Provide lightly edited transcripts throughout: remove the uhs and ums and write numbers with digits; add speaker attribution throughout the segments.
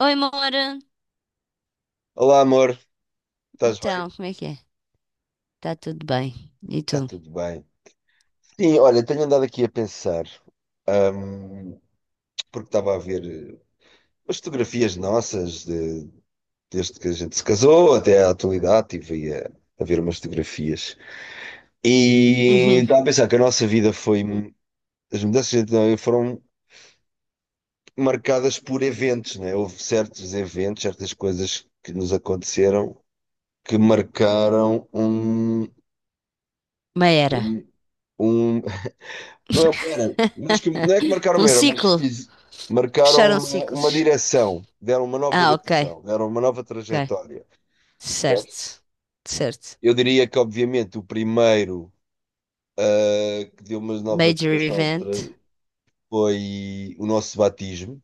Speaker 1: Oi, Mora.
Speaker 2: Olá, amor, estás bem?
Speaker 1: Então, como é que é? Tá tudo bem. E
Speaker 2: Está
Speaker 1: tu?
Speaker 2: tudo bem. Sim, olha, tenho andado aqui a pensar, ahm, porque estava a ver as fotografias nossas desde que a gente se casou até à atualidade, estive a ver umas fotografias. E
Speaker 1: Uhum.
Speaker 2: estava a pensar que a nossa vida foi. As mudanças de identidade foram marcadas por eventos, né? Houve certos eventos, certas coisas que nos aconteceram que marcaram
Speaker 1: Uma era.
Speaker 2: um, um. Não é uma era, mas que, não é que marcaram uma
Speaker 1: Um
Speaker 2: era, mas
Speaker 1: ciclo.
Speaker 2: marcaram
Speaker 1: Fecharam
Speaker 2: uma
Speaker 1: ciclos.
Speaker 2: direção, deram uma nova
Speaker 1: Ah, ok.
Speaker 2: direção, deram uma nova
Speaker 1: Ok.
Speaker 2: trajetória. Percebes?
Speaker 1: Certo. Certo.
Speaker 2: Eu diria que, obviamente, o primeiro que deu uma nova
Speaker 1: Major
Speaker 2: direção de
Speaker 1: event.
Speaker 2: foi o nosso batismo,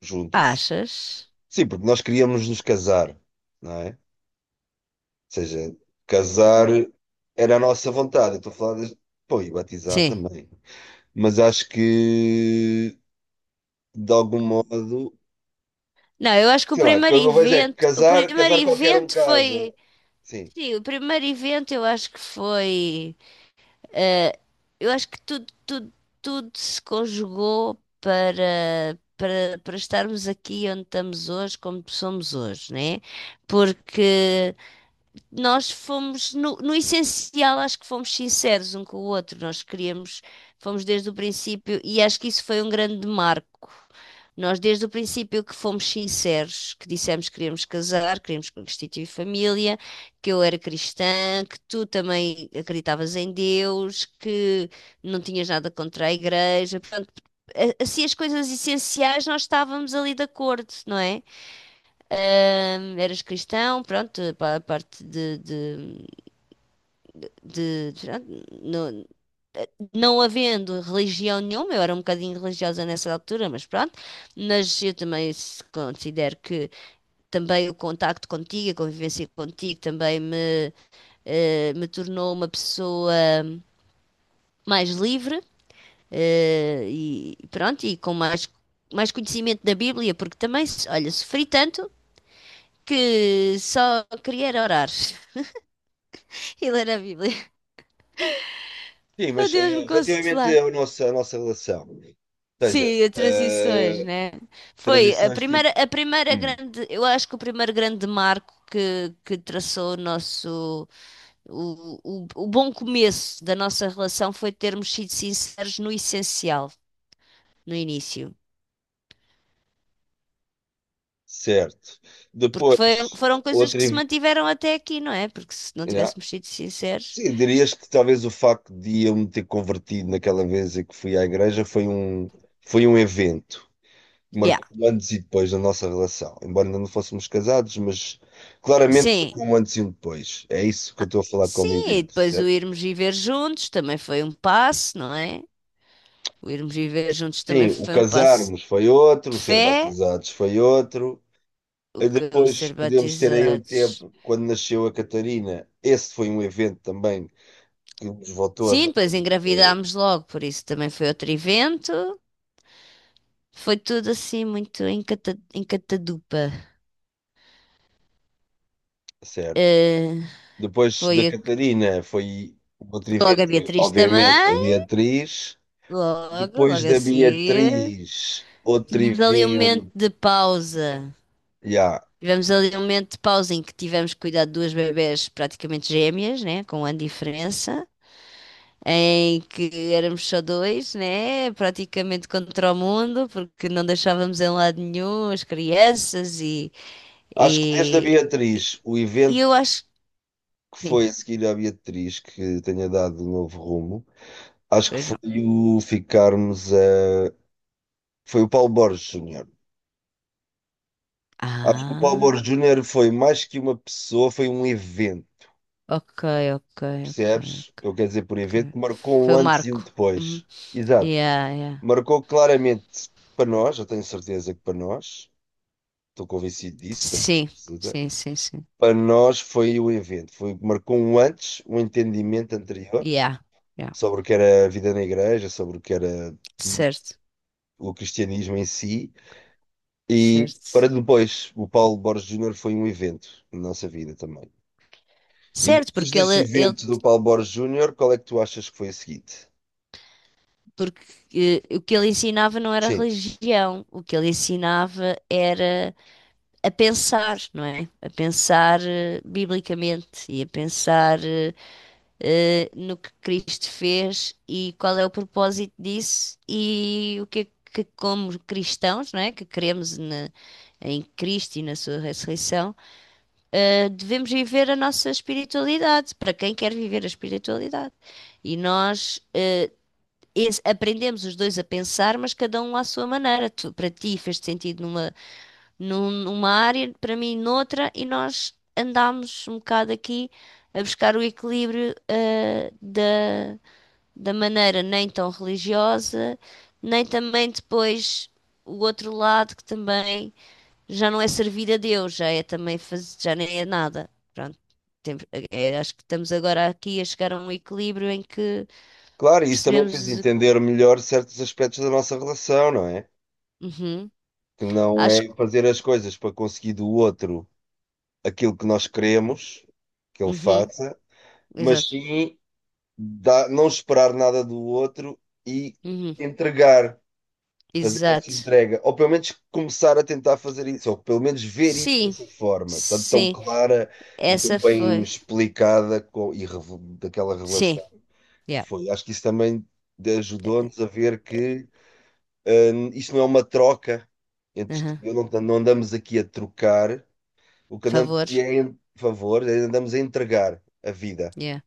Speaker 2: juntos.
Speaker 1: Achas?
Speaker 2: Sim, porque nós queríamos nos casar, não é? Ou seja, casar era a nossa vontade. Eu estou a falar de... Pô, e batizar
Speaker 1: Sim.
Speaker 2: também. Mas acho que, de algum modo.
Speaker 1: Não, eu acho que o
Speaker 2: Sei lá, o que
Speaker 1: primeiro
Speaker 2: eu vejo é que
Speaker 1: evento. O primeiro
Speaker 2: casar qualquer um
Speaker 1: evento
Speaker 2: casa.
Speaker 1: foi.
Speaker 2: Sim,
Speaker 1: Sim, o primeiro evento eu acho que foi. Eh, eu acho que tudo se conjugou para estarmos aqui onde estamos hoje, como somos hoje, né? Porque nós fomos, no essencial, acho que fomos sinceros um com o outro. Nós queríamos, fomos desde o princípio, e acho que isso foi um grande marco. Nós, desde o princípio, que fomos sinceros, que dissemos que queríamos casar, queríamos constituir família, que eu era cristã, que tu também acreditavas em Deus, que não tinhas nada contra a igreja. Portanto, assim, as coisas essenciais nós estávamos ali de acordo, não é? Eras cristão, pronto, a parte de pronto, no- não havendo religião nenhuma, eu era um bocadinho religiosa nessa altura, mas pronto, mas eu também considero que também o contacto contigo, a convivência contigo também me, me tornou uma pessoa mais livre, e pronto, e com mais, mais conhecimento da Bíblia, porque também, olha, sofri tanto que só queria era orar. E ler a Bíblia.
Speaker 2: sim,
Speaker 1: Para
Speaker 2: mas
Speaker 1: Deus me consolar.
Speaker 2: relativamente à nossa relação, ou seja,
Speaker 1: Sim, a transições, né? Foi
Speaker 2: transições tipo,
Speaker 1: a primeira
Speaker 2: hum,
Speaker 1: grande, eu acho que o primeiro grande marco que traçou o nosso, o bom começo da nossa relação foi termos sido sinceros no essencial, no início.
Speaker 2: certo.
Speaker 1: Porque
Speaker 2: Depois,
Speaker 1: foram coisas
Speaker 2: outra.
Speaker 1: que se mantiveram até aqui, não é? Porque se não
Speaker 2: Yeah.
Speaker 1: tivéssemos sido sinceros.
Speaker 2: Sim, dirias que talvez o facto de eu me ter convertido naquela vez em que fui à igreja foi foi um evento que
Speaker 1: Yeah.
Speaker 2: marcou o antes e depois da nossa relação. Embora ainda não fôssemos casados, mas claramente
Speaker 1: Sim,
Speaker 2: marcou um antes e um depois. É isso que eu estou a falar como
Speaker 1: sim, e
Speaker 2: evento.
Speaker 1: depois o irmos viver juntos também foi um passo, não é? O irmos viver juntos também
Speaker 2: Sim, o
Speaker 1: foi um passo
Speaker 2: casarmos foi outro,
Speaker 1: de
Speaker 2: o ser
Speaker 1: fé,
Speaker 2: batizados foi outro.
Speaker 1: o
Speaker 2: E
Speaker 1: que o
Speaker 2: depois
Speaker 1: ser
Speaker 2: podemos ter aí um
Speaker 1: batizados.
Speaker 2: tempo, quando nasceu a Catarina, esse foi um evento também que nos voltou a
Speaker 1: Sim,
Speaker 2: dar,
Speaker 1: depois
Speaker 2: eh,
Speaker 1: engravidámos logo, por isso também foi outro evento. Foi tudo assim muito em, cata, em catadupa.
Speaker 2: certo.
Speaker 1: Eh,
Speaker 2: Depois da
Speaker 1: foi
Speaker 2: Catarina foi outro
Speaker 1: logo a
Speaker 2: evento, foi,
Speaker 1: Beatriz
Speaker 2: obviamente, a
Speaker 1: também,
Speaker 2: Beatriz.
Speaker 1: logo
Speaker 2: Depois
Speaker 1: a
Speaker 2: da
Speaker 1: seguir.
Speaker 2: Beatriz, outro
Speaker 1: Tivemos ali um momento
Speaker 2: evento.
Speaker 1: de pausa.
Speaker 2: Ya.
Speaker 1: Tivemos ali um momento de pausa em que tivemos que cuidar de duas bebés praticamente gêmeas, né? Com um ano de diferença. Em que éramos só dois, né? Praticamente contra o mundo, porque não deixávamos em lado nenhum as crianças e,
Speaker 2: Acho que desde a
Speaker 1: e,
Speaker 2: Beatriz, o
Speaker 1: e eu
Speaker 2: evento
Speaker 1: acho
Speaker 2: que
Speaker 1: que sim,
Speaker 2: foi a seguir à Beatriz, que tenha dado um novo rumo. Acho que
Speaker 1: pois
Speaker 2: foi
Speaker 1: não.
Speaker 2: o ficarmos a. Foi o Paulo Borges Júnior. Acho que o Paulo
Speaker 1: Ah,
Speaker 2: Borges Júnior foi mais que uma pessoa, foi um evento,
Speaker 1: ok, ok,
Speaker 2: percebes?
Speaker 1: ok,
Speaker 2: Eu quero dizer por evento,
Speaker 1: ok.
Speaker 2: que marcou
Speaker 1: Foi
Speaker 2: um
Speaker 1: o
Speaker 2: antes e um
Speaker 1: Marco. Uhum.
Speaker 2: depois. Exato.
Speaker 1: Yeah, yeah.
Speaker 2: Marcou claramente para nós, eu tenho certeza que para nós, estou convencido disso, tenho
Speaker 1: Sim,
Speaker 2: certeza.
Speaker 1: sim, sim, sim.
Speaker 2: Para nós foi o evento, foi, marcou um antes, um entendimento anterior
Speaker 1: Yeah, yeah.
Speaker 2: sobre o que era a vida na igreja, sobre o que era
Speaker 1: Certo,
Speaker 2: o cristianismo em si. E para
Speaker 1: certo.
Speaker 2: depois, o Paulo Borges Júnior foi um evento na nossa vida também. E
Speaker 1: Certo,
Speaker 2: depois
Speaker 1: porque
Speaker 2: desse
Speaker 1: ele
Speaker 2: evento do Paulo Borges Júnior, qual é que tu achas que foi a seguinte?
Speaker 1: porque o que ele ensinava não era
Speaker 2: Sim,
Speaker 1: religião, o que ele ensinava era a pensar, não é? A pensar biblicamente e a pensar no que Cristo fez e qual é o propósito disso e o que é que, como cristãos, não é? Que queremos em Cristo e na sua ressurreição, devemos viver a nossa espiritualidade, para quem quer viver a espiritualidade. E nós aprendemos os dois a pensar, mas cada um à sua maneira. Para ti fez sentido numa numa área, para mim noutra, e nós andámos um bocado aqui a buscar o equilíbrio, da, da maneira nem tão religiosa, nem também depois o outro lado que também já não é servir a Deus, já é também fazer, já nem é nada. Pronto. Temos- é, acho que estamos agora aqui a chegar a um equilíbrio em que
Speaker 2: claro, e isso também fez
Speaker 1: percebemos.
Speaker 2: entender melhor certos aspectos da nossa relação, não é?
Speaker 1: Uhum,
Speaker 2: Que não
Speaker 1: acho
Speaker 2: é
Speaker 1: que.
Speaker 2: fazer as coisas para conseguir do outro aquilo que nós queremos que ele
Speaker 1: Uhum,
Speaker 2: faça, mas
Speaker 1: exato.
Speaker 2: sim não esperar nada do outro e
Speaker 1: Uhum,
Speaker 2: entregar fazer essa
Speaker 1: exato.
Speaker 2: entrega, ou pelo menos começar a tentar fazer isso, ou pelo menos ver isso
Speaker 1: Sim,
Speaker 2: dessa forma, tão, tão
Speaker 1: sim.
Speaker 2: clara e tão
Speaker 1: Essa
Speaker 2: bem
Speaker 1: foi.
Speaker 2: explicada com, e daquela
Speaker 1: Sim,
Speaker 2: revelação que
Speaker 1: yeah.
Speaker 2: foi. Acho que isso também ajudou-nos a ver que isto não é uma troca entre tu e
Speaker 1: Aham.
Speaker 2: eu, não, não andamos aqui a trocar, o que andamos aqui
Speaker 1: Favores.
Speaker 2: é em favor, andamos a entregar a vida.
Speaker 1: Yeah,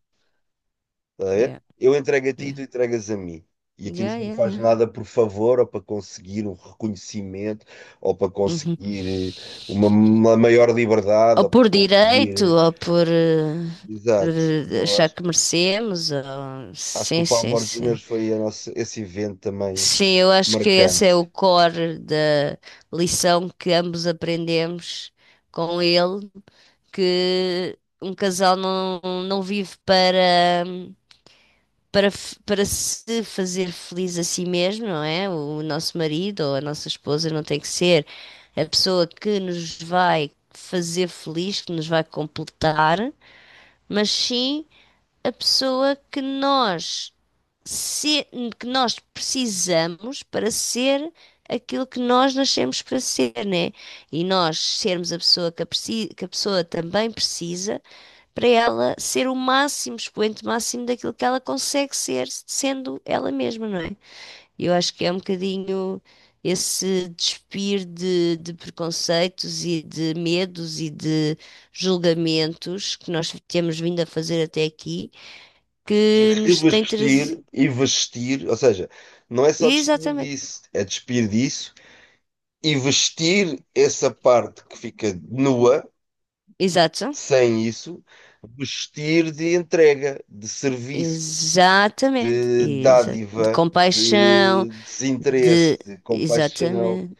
Speaker 2: Tá a ver?
Speaker 1: yeah,
Speaker 2: Eu entrego a ti e
Speaker 1: yeah.
Speaker 2: tu entregas a mim. E aqui
Speaker 1: Yeah,
Speaker 2: ninguém
Speaker 1: yeah,
Speaker 2: faz
Speaker 1: yeah.
Speaker 2: nada por favor ou para conseguir um reconhecimento ou para
Speaker 1: Uhum.
Speaker 2: conseguir uma maior liberdade
Speaker 1: Ou
Speaker 2: ou para
Speaker 1: por direito,
Speaker 2: conseguir.
Speaker 1: ou por, por,
Speaker 2: Exato. E eu
Speaker 1: achar
Speaker 2: acho,
Speaker 1: que merecemos. Ou...
Speaker 2: acho que o
Speaker 1: Sim,
Speaker 2: Paulo
Speaker 1: sim,
Speaker 2: Borges Júnior
Speaker 1: sim.
Speaker 2: foi a nossa, esse evento também
Speaker 1: Sim, eu acho que esse é o
Speaker 2: marcante.
Speaker 1: core da lição que ambos aprendemos com ele, que um casal não, não vive para para se fazer feliz a si mesmo, não é? O nosso marido ou a nossa esposa não tem que ser a pessoa que nos vai fazer feliz, que nos vai completar, mas sim a pessoa que nós se- que nós precisamos para ser aquilo que nós nascemos para ser, né? E nós sermos a pessoa que a, que a pessoa também precisa para ela ser o máximo, expoente máximo daquilo que ela consegue ser, sendo ela mesma, não é? Eu acho que é um bocadinho esse despir de preconceitos e de medos e de julgamentos que nós temos vindo a fazer até aqui,
Speaker 2: E
Speaker 1: que nos tem trazido.
Speaker 2: revestir e vestir, ou seja, não é só despir
Speaker 1: Exatamente,
Speaker 2: disso, é despir disso e vestir essa parte que fica nua.
Speaker 1: exato.
Speaker 2: Sem isso, vestir de entrega, de serviço,
Speaker 1: Exatamente,
Speaker 2: de
Speaker 1: de
Speaker 2: dádiva,
Speaker 1: compaixão,
Speaker 2: de
Speaker 1: de
Speaker 2: desinteresse, de compaixão,
Speaker 1: exatamente,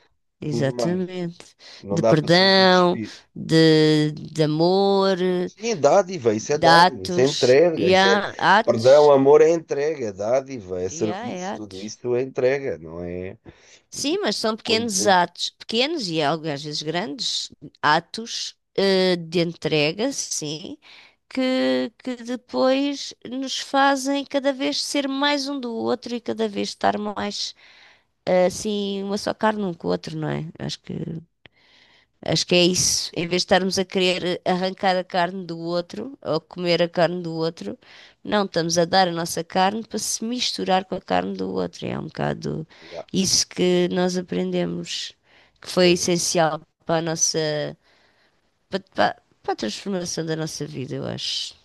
Speaker 2: tudo mais.
Speaker 1: exatamente,
Speaker 2: Não
Speaker 1: de
Speaker 2: dá para só para
Speaker 1: perdão,
Speaker 2: despir.
Speaker 1: de amor,
Speaker 2: Sim,
Speaker 1: de
Speaker 2: dádiva, isso é entrega, isso é. Perdão,
Speaker 1: atos,
Speaker 2: amor é entrega, é dádiva, é
Speaker 1: e há é
Speaker 2: serviço, tudo
Speaker 1: atos.
Speaker 2: isso é entrega, não é?
Speaker 1: Sim, mas são pequenos
Speaker 2: Quando...
Speaker 1: atos, pequenos e algo às vezes grandes atos de entrega, sim, que depois nos fazem cada vez ser mais um do outro e cada vez estar mais assim, uma só carne um com o outro, não é? Acho que acho que é isso. Em vez de estarmos a querer arrancar a carne do outro ou comer a carne do outro, não, estamos a dar a nossa carne para se misturar com a carne do outro. É um bocado
Speaker 2: Ah,
Speaker 1: isso que nós aprendemos, que foi
Speaker 2: pois é.
Speaker 1: essencial para a nossa, para a transformação da nossa vida, eu acho,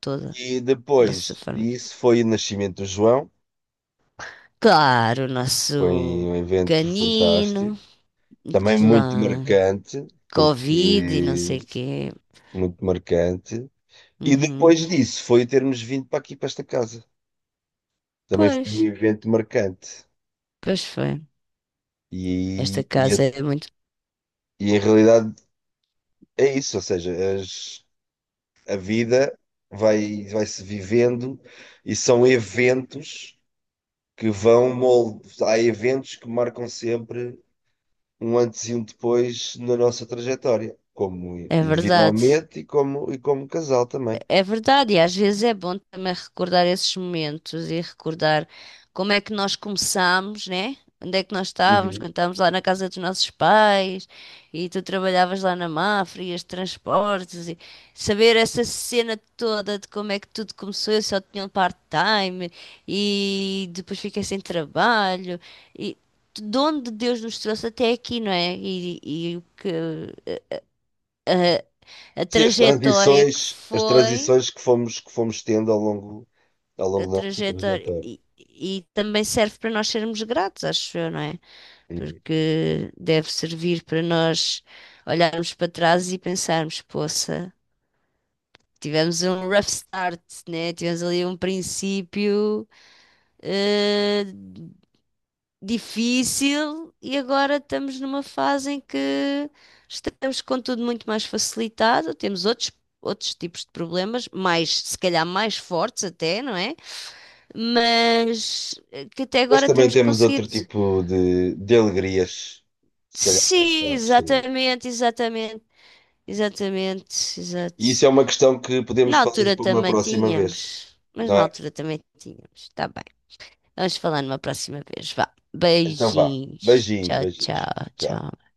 Speaker 1: toda,
Speaker 2: E
Speaker 1: nossa
Speaker 2: depois
Speaker 1: forma de pensar.
Speaker 2: disso foi o nascimento do João,
Speaker 1: Claro, o
Speaker 2: foi
Speaker 1: nosso
Speaker 2: um evento fantástico.
Speaker 1: canino,
Speaker 2: Também muito
Speaker 1: claro,
Speaker 2: marcante,
Speaker 1: Covid e não sei o
Speaker 2: porque
Speaker 1: quê.
Speaker 2: muito marcante. E
Speaker 1: Uhum.
Speaker 2: depois disso foi termos vindo para aqui, para esta casa. Também
Speaker 1: Pois,
Speaker 2: foi um evento marcante.
Speaker 1: pois foi. Esta
Speaker 2: E, e,
Speaker 1: casa
Speaker 2: a-
Speaker 1: é muito.
Speaker 2: e em realidade é isso, ou seja, a vida vai-se vivendo e são eventos que vão moldar. Há eventos que marcam sempre um antes e um depois na nossa trajetória, como
Speaker 1: É verdade.
Speaker 2: individualmente e como casal também.
Speaker 1: É verdade. E às vezes é bom também recordar esses momentos e recordar como é que nós começámos, né? Onde é que nós estávamos
Speaker 2: Uhum.
Speaker 1: quando estávamos lá na casa dos nossos pais e tu trabalhavas lá na Mafra e os transportes e saber essa cena toda de como é que tudo começou. Eu só tinha um part-time e depois fiquei sem trabalho e de onde Deus nos trouxe até aqui, não é? E o que a
Speaker 2: Sim,
Speaker 1: trajetória que
Speaker 2: as
Speaker 1: foi,
Speaker 2: transições que fomos tendo ao longo
Speaker 1: a
Speaker 2: da nossa
Speaker 1: trajetória.
Speaker 2: trajetória.
Speaker 1: E também serve para nós sermos gratos, acho eu, não é?
Speaker 2: Uhum.
Speaker 1: Porque deve servir para nós olharmos para trás e pensarmos, poça, tivemos um rough start, né? Tivemos ali um princípio eh, difícil e agora estamos numa fase em que estamos com tudo muito mais facilitado, temos outros tipos de problemas, mais, se calhar mais fortes até, não é? Mas que até
Speaker 2: Mas
Speaker 1: agora
Speaker 2: também
Speaker 1: temos
Speaker 2: temos outro
Speaker 1: conseguido.
Speaker 2: tipo de alegrias, se calhar mais
Speaker 1: Sim,
Speaker 2: fortes também.
Speaker 1: exatamente, exatamente, exatamente,
Speaker 2: E isso
Speaker 1: exato.
Speaker 2: é uma questão que podemos
Speaker 1: Na
Speaker 2: falar
Speaker 1: altura
Speaker 2: para uma
Speaker 1: também
Speaker 2: próxima vez,
Speaker 1: tínhamos, mas
Speaker 2: não
Speaker 1: na
Speaker 2: é?
Speaker 1: altura também tínhamos. Tá bem. Vamos falar numa próxima vez. Vá.
Speaker 2: Então vá.
Speaker 1: Beijinhos.
Speaker 2: Beijinhos,
Speaker 1: Tchau,
Speaker 2: beijinhos.
Speaker 1: tchau,
Speaker 2: Tchau.
Speaker 1: tchau.